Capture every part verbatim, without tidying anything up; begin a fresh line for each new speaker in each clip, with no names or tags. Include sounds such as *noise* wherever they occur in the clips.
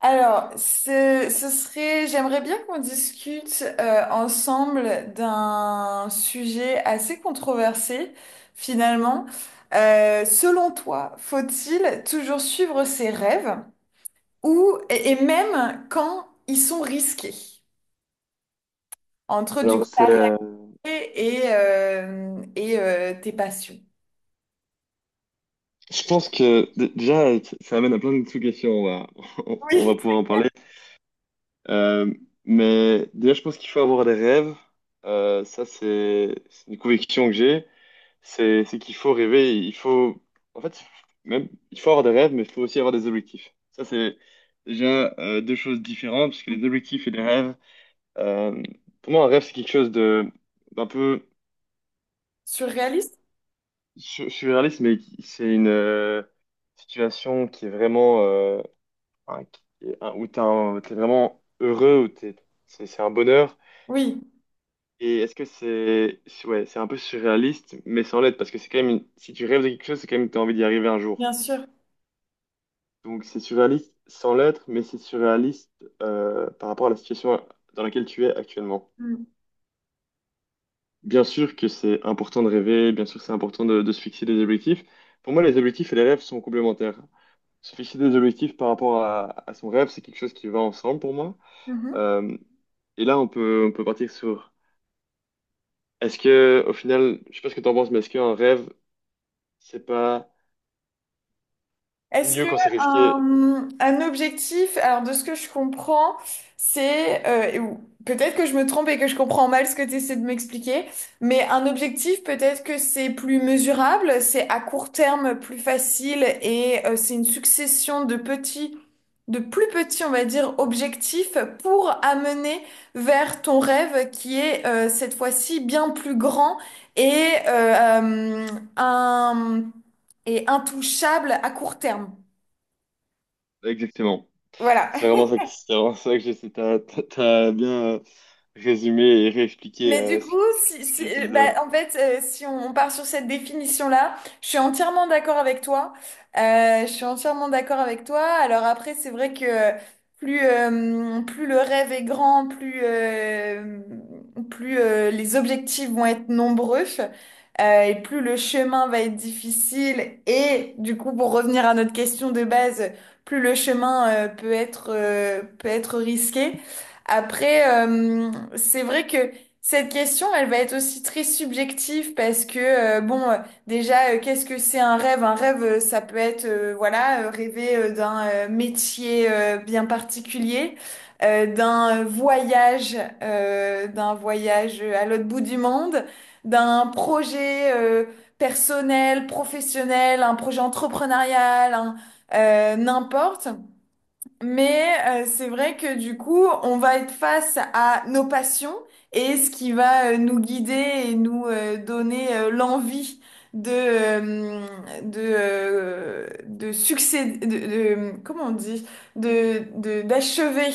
Alors, ce, ce serait, j'aimerais bien qu'on discute euh, ensemble d'un sujet assez controversé, finalement. Euh, selon toi, faut-il toujours suivre ses rêves ou et, et même quand ils sont risqués, entre du
Alors,
coup ta
c'est, euh,
réalité et, euh, et euh, tes passions?
je pense que d- déjà, ça ça amène à plein de sous-questions. On va, *laughs* on va
Oui.
pouvoir en parler. Euh, mais déjà, je pense qu'il faut avoir des rêves. Euh, ça, c'est c'est une conviction que j'ai. C'est c'est qu'il faut rêver. Il faut, en fait, même, il faut avoir des rêves, mais il faut aussi avoir des objectifs. Ça, c'est déjà euh, deux choses différentes, parce que les objectifs et les rêves, euh, pour moi, un rêve, c'est quelque chose de d'un peu.
Surréaliste?
Je, je suis réaliste, mais c'est une euh, situation qui est vraiment euh, un- qui est un- où t'es un- t'es vraiment heureux, où t'es, c'est c'est un bonheur.
Oui,
Et est-ce que c'est c'est- ouais, c'est un peu surréaliste, mais sans l'être, parce que c'est quand même une- si tu rêves de quelque chose, c'est quand même que t'as envie d'y arriver un jour.
bien sûr.
Donc c'est surréaliste sans l'être, mais c'est surréaliste euh, par rapport à la situation dans laquelle tu es actuellement.
Mm.
Bien sûr que c'est important de rêver, bien sûr que c'est important de de se fixer des objectifs. Pour moi, les objectifs et les rêves sont complémentaires. Se fixer des objectifs par rapport à, à son rêve, c'est quelque chose qui va ensemble pour moi.
Mhm.
Euh, et là, on peut, on peut partir sur, est-ce que, au final, je sais pas ce que t'en penses, mais est-ce qu'un rêve, c'est pas
Est-ce
mieux
que
quand c'est risqué?
un, un objectif, alors de ce que je comprends, c'est, euh, et ou- peut-être que je me trompe et que je comprends mal ce que tu essaies de m'expliquer, mais un objectif, peut-être que c'est plus mesurable, c'est à court terme plus facile et euh, c'est une succession de petits, de plus petits, on va dire, objectifs pour amener vers ton rêve qui est euh, cette fois-ci bien plus grand et, euh, euh, un, et intouchable à court terme.
Exactement.
Voilà.
C'est vraiment ça, que- c'est vraiment ça que j'essaie. T'as, t'as- t'as bien euh, résumé et réexpliqué
Mais du
euh, ce,
coup,
ce que
si,
ce
si,
que je
euh, bah,
disais.
en fait, euh, si on, on part sur cette définition-là, je suis entièrement d'accord avec toi. Euh, je suis entièrement d'accord avec toi. Alors après, c'est vrai que plus, euh, plus le rêve est grand, plus, euh, plus euh, les objectifs vont être nombreux, euh, et plus le chemin va être difficile. Et du coup, pour revenir à notre question de base, plus le chemin euh, peut être, euh, peut être risqué. Après, euh, c'est vrai que cette question, elle va être aussi très subjective parce que, euh, bon, euh, déjà, euh, qu'est-ce que c'est un rêve? Un rêve, euh, ça peut être, euh, voilà, euh, rêver euh, d'un euh, métier euh, bien particulier, euh, d'un euh, voyage, euh, d'un voyage euh, à l'autre bout du monde, d'un projet euh, personnel, professionnel, un projet entrepreneurial, un- euh, n'importe. Mais euh, c'est vrai que du coup, on va être face à nos passions et ce qui va euh, nous guider et nous euh, donner euh, l'envie de euh, de euh, de succéder, de, de- comment on dit, de de d'achever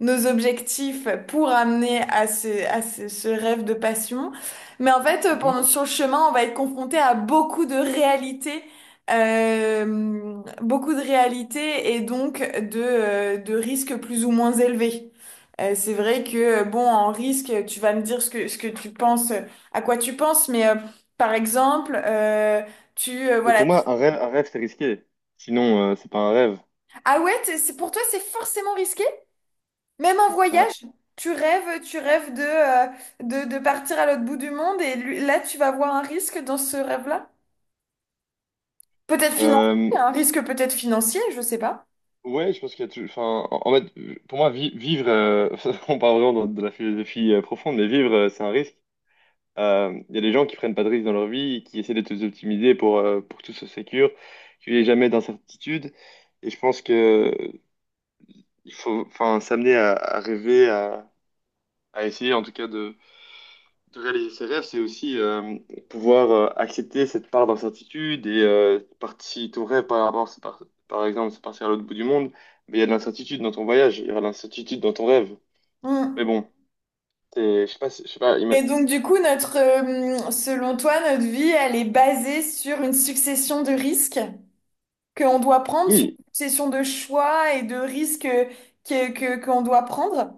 nos objectifs pour amener à ce à ce, ce rêve de passion. Mais en fait, euh,
Mhm.
pendant sur le chemin, on va être confronté à beaucoup de réalités euh, beaucoup de réalité et donc de, euh, de risques plus ou moins élevés. Euh, c'est vrai que, bon, en risque, tu vas me dire ce que, ce que tu penses, euh, à quoi tu penses, mais euh, par exemple, euh, tu, euh,
Et
voilà.
pour moi, un rêve, un rêve, c'est risqué. Sinon, euh, c'est pas un rêve.
Ah ouais, t'es- c'est, pour toi, c'est forcément risqué? Même un
C'est pas.
voyage? Tu rêves, tu rêves de, euh, de, de partir à l'autre bout du monde et lui- là, tu vas voir un risque dans ce rêve-là? Peut-être financier,
euh,
un risque peut-être financier, je sais pas.
Ouais, je pense qu'il y a tout. Enfin, en en fait, pour moi, vi- vivre, euh, *laughs* on parle vraiment de, de la philosophie euh, profonde, mais vivre, euh, c'est un risque. Euh, Il y a des gens qui prennent pas de risques dans leur vie, qui essaient de tout optimiser pour, euh, pour que tout soit sécure, qu'il n'y ait jamais d'incertitude. Et je pense que euh, il faut, enfin, s'amener à, à rêver, à, à essayer en tout cas de, de réaliser ses rêves, c'est aussi euh, pouvoir euh, accepter cette part d'incertitude et euh, parti, ton rêve par rapport, c'est par, par exemple, c'est partir à l'autre bout du monde, mais il y a de l'incertitude dans ton voyage, il y aura de l'incertitude dans ton rêve. Mais
Hmm.
bon, t'es- je sais pas, si- je sais pas, ima-
Et donc, du coup, notre, euh, selon toi, notre vie, elle est basée sur une succession de risques qu'on doit prendre, sur
oui,
une succession de choix et de risques que, que, qu'on doit prendre.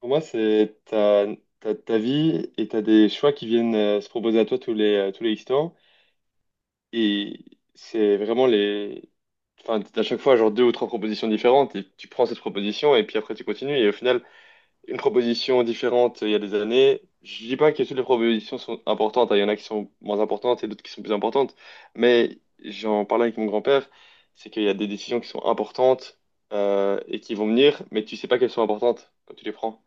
pour moi, c'est ta, ta, ta vie et t'as des choix qui viennent euh, se proposer à toi tous les, euh, tous les X temps et c'est vraiment les, enfin, t'as à chaque fois, genre deux ou trois propositions différentes et tu prends cette proposition et puis après tu continues et au final, une proposition différente euh, il y a des années. Je dis pas que toutes les propositions sont importantes, hein. Il y en a qui sont moins importantes et d'autres qui sont plus importantes. Mais j'en parlais avec mon grand-père, c'est qu'il y a des décisions qui sont importantes euh, et qui vont venir, mais tu sais pas qu'elles sont importantes quand tu les prends.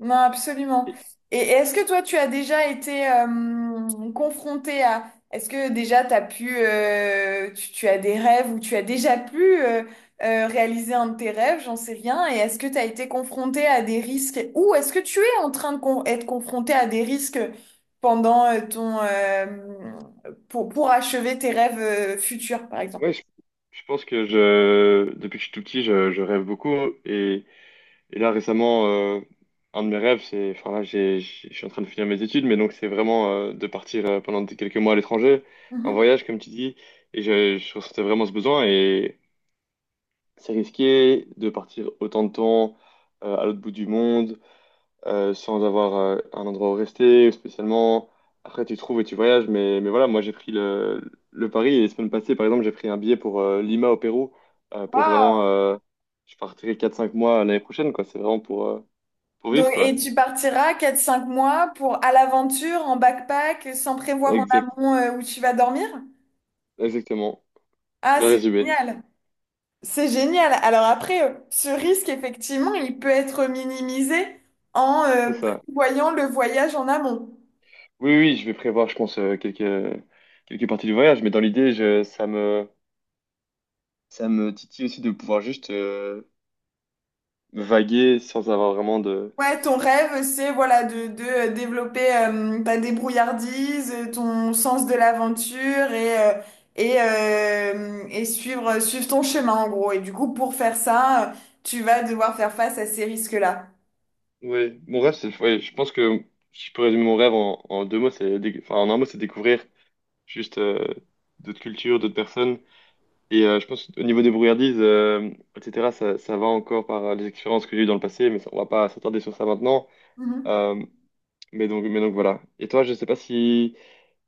Non, absolument.
Et
Et et est-ce que toi, tu as déjà été euh, confronté à... Est-ce que déjà t'as pu, euh, tu, tu as des rêves ou tu as déjà pu euh, euh, réaliser un de tes rêves, j'en sais rien. Et est-ce que tu as été confronté à des risques ou est-ce que tu es en train de con- être confronté à des risques pendant euh, ton euh, pour, pour achever tes rêves euh, futurs, par exemple?
ouais, je, je pense que je, depuis que je suis tout petit, je, je rêve beaucoup et Et là, récemment, euh, un de mes rêves, c'est, enfin là, j'ai, j'ai- je suis en train de finir mes études, mais donc c'est vraiment euh, de partir euh, pendant des- quelques mois à l'étranger, un
Mhm.
voyage, comme tu dis, et je, je ressentais vraiment ce besoin, et c'est risqué de partir autant de temps euh, à l'autre bout du monde, euh, sans avoir euh, un endroit où rester, ou spécialement. Après, tu trouves et tu voyages, mais, mais voilà, moi, j'ai pris le, le pari, et la semaine passée, par exemple, j'ai pris un billet pour euh, Lima au Pérou, euh, pour vraiment, euh, je partirai quatre cinq mois l'année prochaine, quoi, c'est vraiment pour... euh, pour
Donc,
vivre,
et
quoi.
tu partiras quatre cinq mois pour à l'aventure, en backpack, sans prévoir en
Exact,
amont euh, où tu vas dormir?
exactement.
Ah,
Bien
c'est
résumé.
génial! C'est génial. Alors après, euh, ce risque, effectivement, il peut être minimisé en euh,
C'est ça.
prévoyant le voyage en amont.
Oui, oui, je vais prévoir, je pense, euh, quelques, quelques parties du voyage, mais dans l'idée, je- ça me, ça me titille aussi de pouvoir juste euh, vaguer sans avoir vraiment de.
Ouais, ton rêve, c'est voilà de, de euh, développer euh, ta débrouillardise, euh, ton sens de l'aventure et, euh, et, euh, et suivre, suivre ton chemin en gros. Et du coup, pour faire ça, euh, tu vas devoir faire face à ces risques-là.
Oui mon rêve, c'est. Ouais, je pense que si je peux résumer mon rêve en, en deux mots, c'est. déc- Enfin, en un mot, c'est découvrir juste euh, d'autres cultures, d'autres personnes. Et euh, je pense au niveau des brouillardises, euh, et cætera, ça, ça va encore par euh, les expériences que j'ai eues dans le passé, mais ça- on va pas s'attarder sur ça maintenant.
Mhm.
Euh, Mais donc, mais donc voilà. Et toi, je sais pas si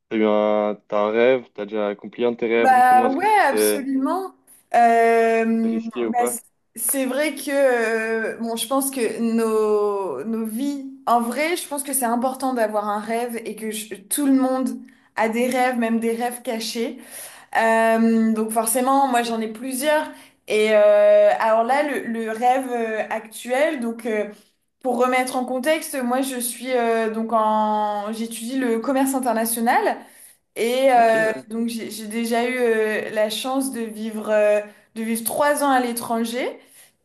t'as eu un, t'as un rêve, t'as déjà accompli un de tes rêves récemment,
Bah
est-ce
ouais,
que c'était
absolument. Euh,
risqué ou
bah,
pas?
c- c'est vrai que euh, bon, je pense que nos, nos vies, en vrai, je pense que c'est important d'avoir un rêve et que je- tout le monde a des rêves, même des rêves cachés. Euh, donc forcément, moi j'en ai plusieurs. Et euh, alors là, le, le rêve euh, actuel, donc euh, pour remettre en contexte, moi je suis euh, donc en j'étudie le commerce international et
Ok,
euh,
ouais.
donc j'ai j'ai déjà eu euh, la chance de vivre euh, de vivre trois ans à l'étranger.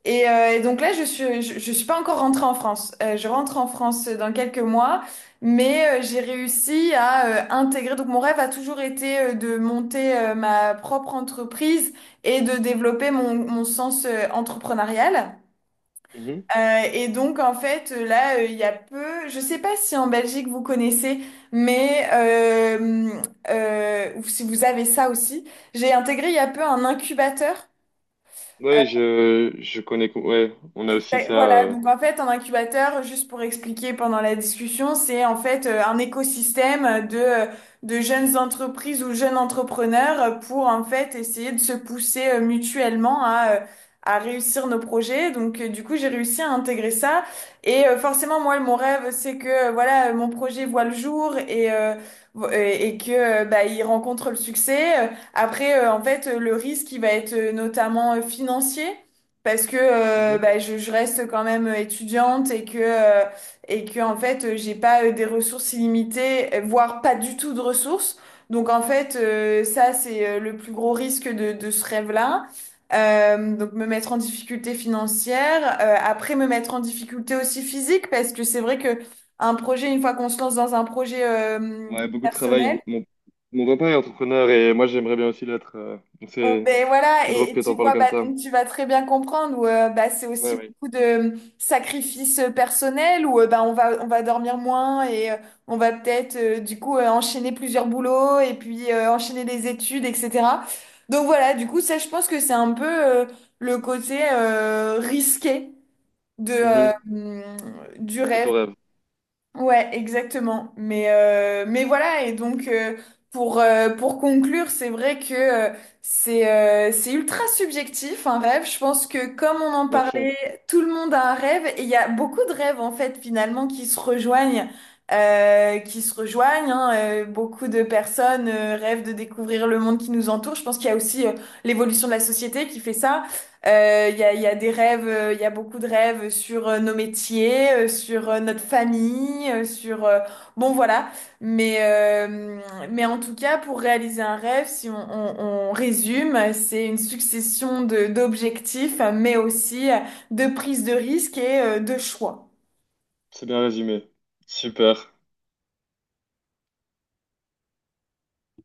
Et, euh, et donc là je suis je, je suis pas encore rentrée en France. Euh, je rentre en France dans quelques mois, mais euh, j'ai réussi à euh, intégrer. Donc mon rêve a toujours été euh, de monter euh, ma propre entreprise et de développer mon mon sens euh, entrepreneurial.
Mhm.
Euh, et donc en fait là euh, Il y a peu, je sais pas si en Belgique vous connaissez, mais euh, euh, ou si vous avez ça aussi, j'ai intégré il y a peu un incubateur.
Ouais, je, je connais, co- ouais, on a aussi
Exact-
ça.
Voilà,
Euh,
donc en fait, un incubateur, juste pour expliquer pendant la discussion, c'est en fait euh, un écosystème de, euh, de jeunes entreprises ou jeunes entrepreneurs euh, pour en fait essayer de se pousser euh, mutuellement à, euh, à réussir nos projets. Donc euh, du coup, j'ai réussi à intégrer ça. Et euh, forcément, moi, mon rêve, c'est que euh, voilà, euh, mon projet voit le jour et, euh, vo- et et que euh, bah, il rencontre le succès. Après, euh, en fait, euh, le risque, il va être euh, notamment euh, financier parce que euh,
mhm.
bah, je, je reste quand même euh, étudiante et que euh, et que en fait euh, j'ai pas euh, des ressources illimitées, euh, voire pas du tout de ressources. Donc en fait euh, ça c'est euh, le plus gros risque de, de ce rêve-là. Euh, donc me mettre en difficulté financière, euh, après me mettre en difficulté aussi physique parce que c'est vrai que un projet une fois qu'on se lance dans un projet euh,
Ouais, beaucoup de travail.
personnel.
Mon, mon papa est entrepreneur et moi j'aimerais bien aussi l'être. Euh, donc
Oh,
c'est,
ben voilà,
c'est drôle
et, et
que
tu
t'en parles
vois, bah,
comme ça.
donc tu vas très bien comprendre où euh, bah, c'est
Ouais,
aussi
ouais.
beaucoup de sacrifices euh, personnels où euh, bah, on va, on va dormir moins et euh, on va peut-être euh, du coup euh, enchaîner plusieurs boulots et puis euh, enchaîner des études, et cetera. Donc voilà, du coup, ça, je pense que c'est un peu euh, le côté euh, risqué de, euh,
Mhm.
hum, du
De
rêve.
ton rêve,
Ouais, exactement. Mais, euh, mais voilà, et donc euh, pour, euh, pour conclure, c'est vrai que euh, c'est euh, c'est ultra subjectif un rêve. Je pense que comme on en
à fond.
parlait, tout le monde a un rêve et il y a beaucoup de rêves en fait finalement qui se rejoignent. Euh, qui se rejoignent, hein. Euh, beaucoup de personnes euh, rêvent de découvrir le monde qui nous entoure. Je pense qu'il y a aussi euh, l'évolution de la société qui fait ça. Euh, Il y a, il y a des rêves, euh, il y a beaucoup de rêves sur euh, nos métiers, euh, sur euh, notre famille, euh, sur... euh, bon, voilà. Mais, euh, mais en tout cas, pour réaliser un rêve, si on, on- on résume, c'est une succession de, d'objectifs, mais aussi euh, de prise de risque et euh, de choix.
C'est bien résumé. Super.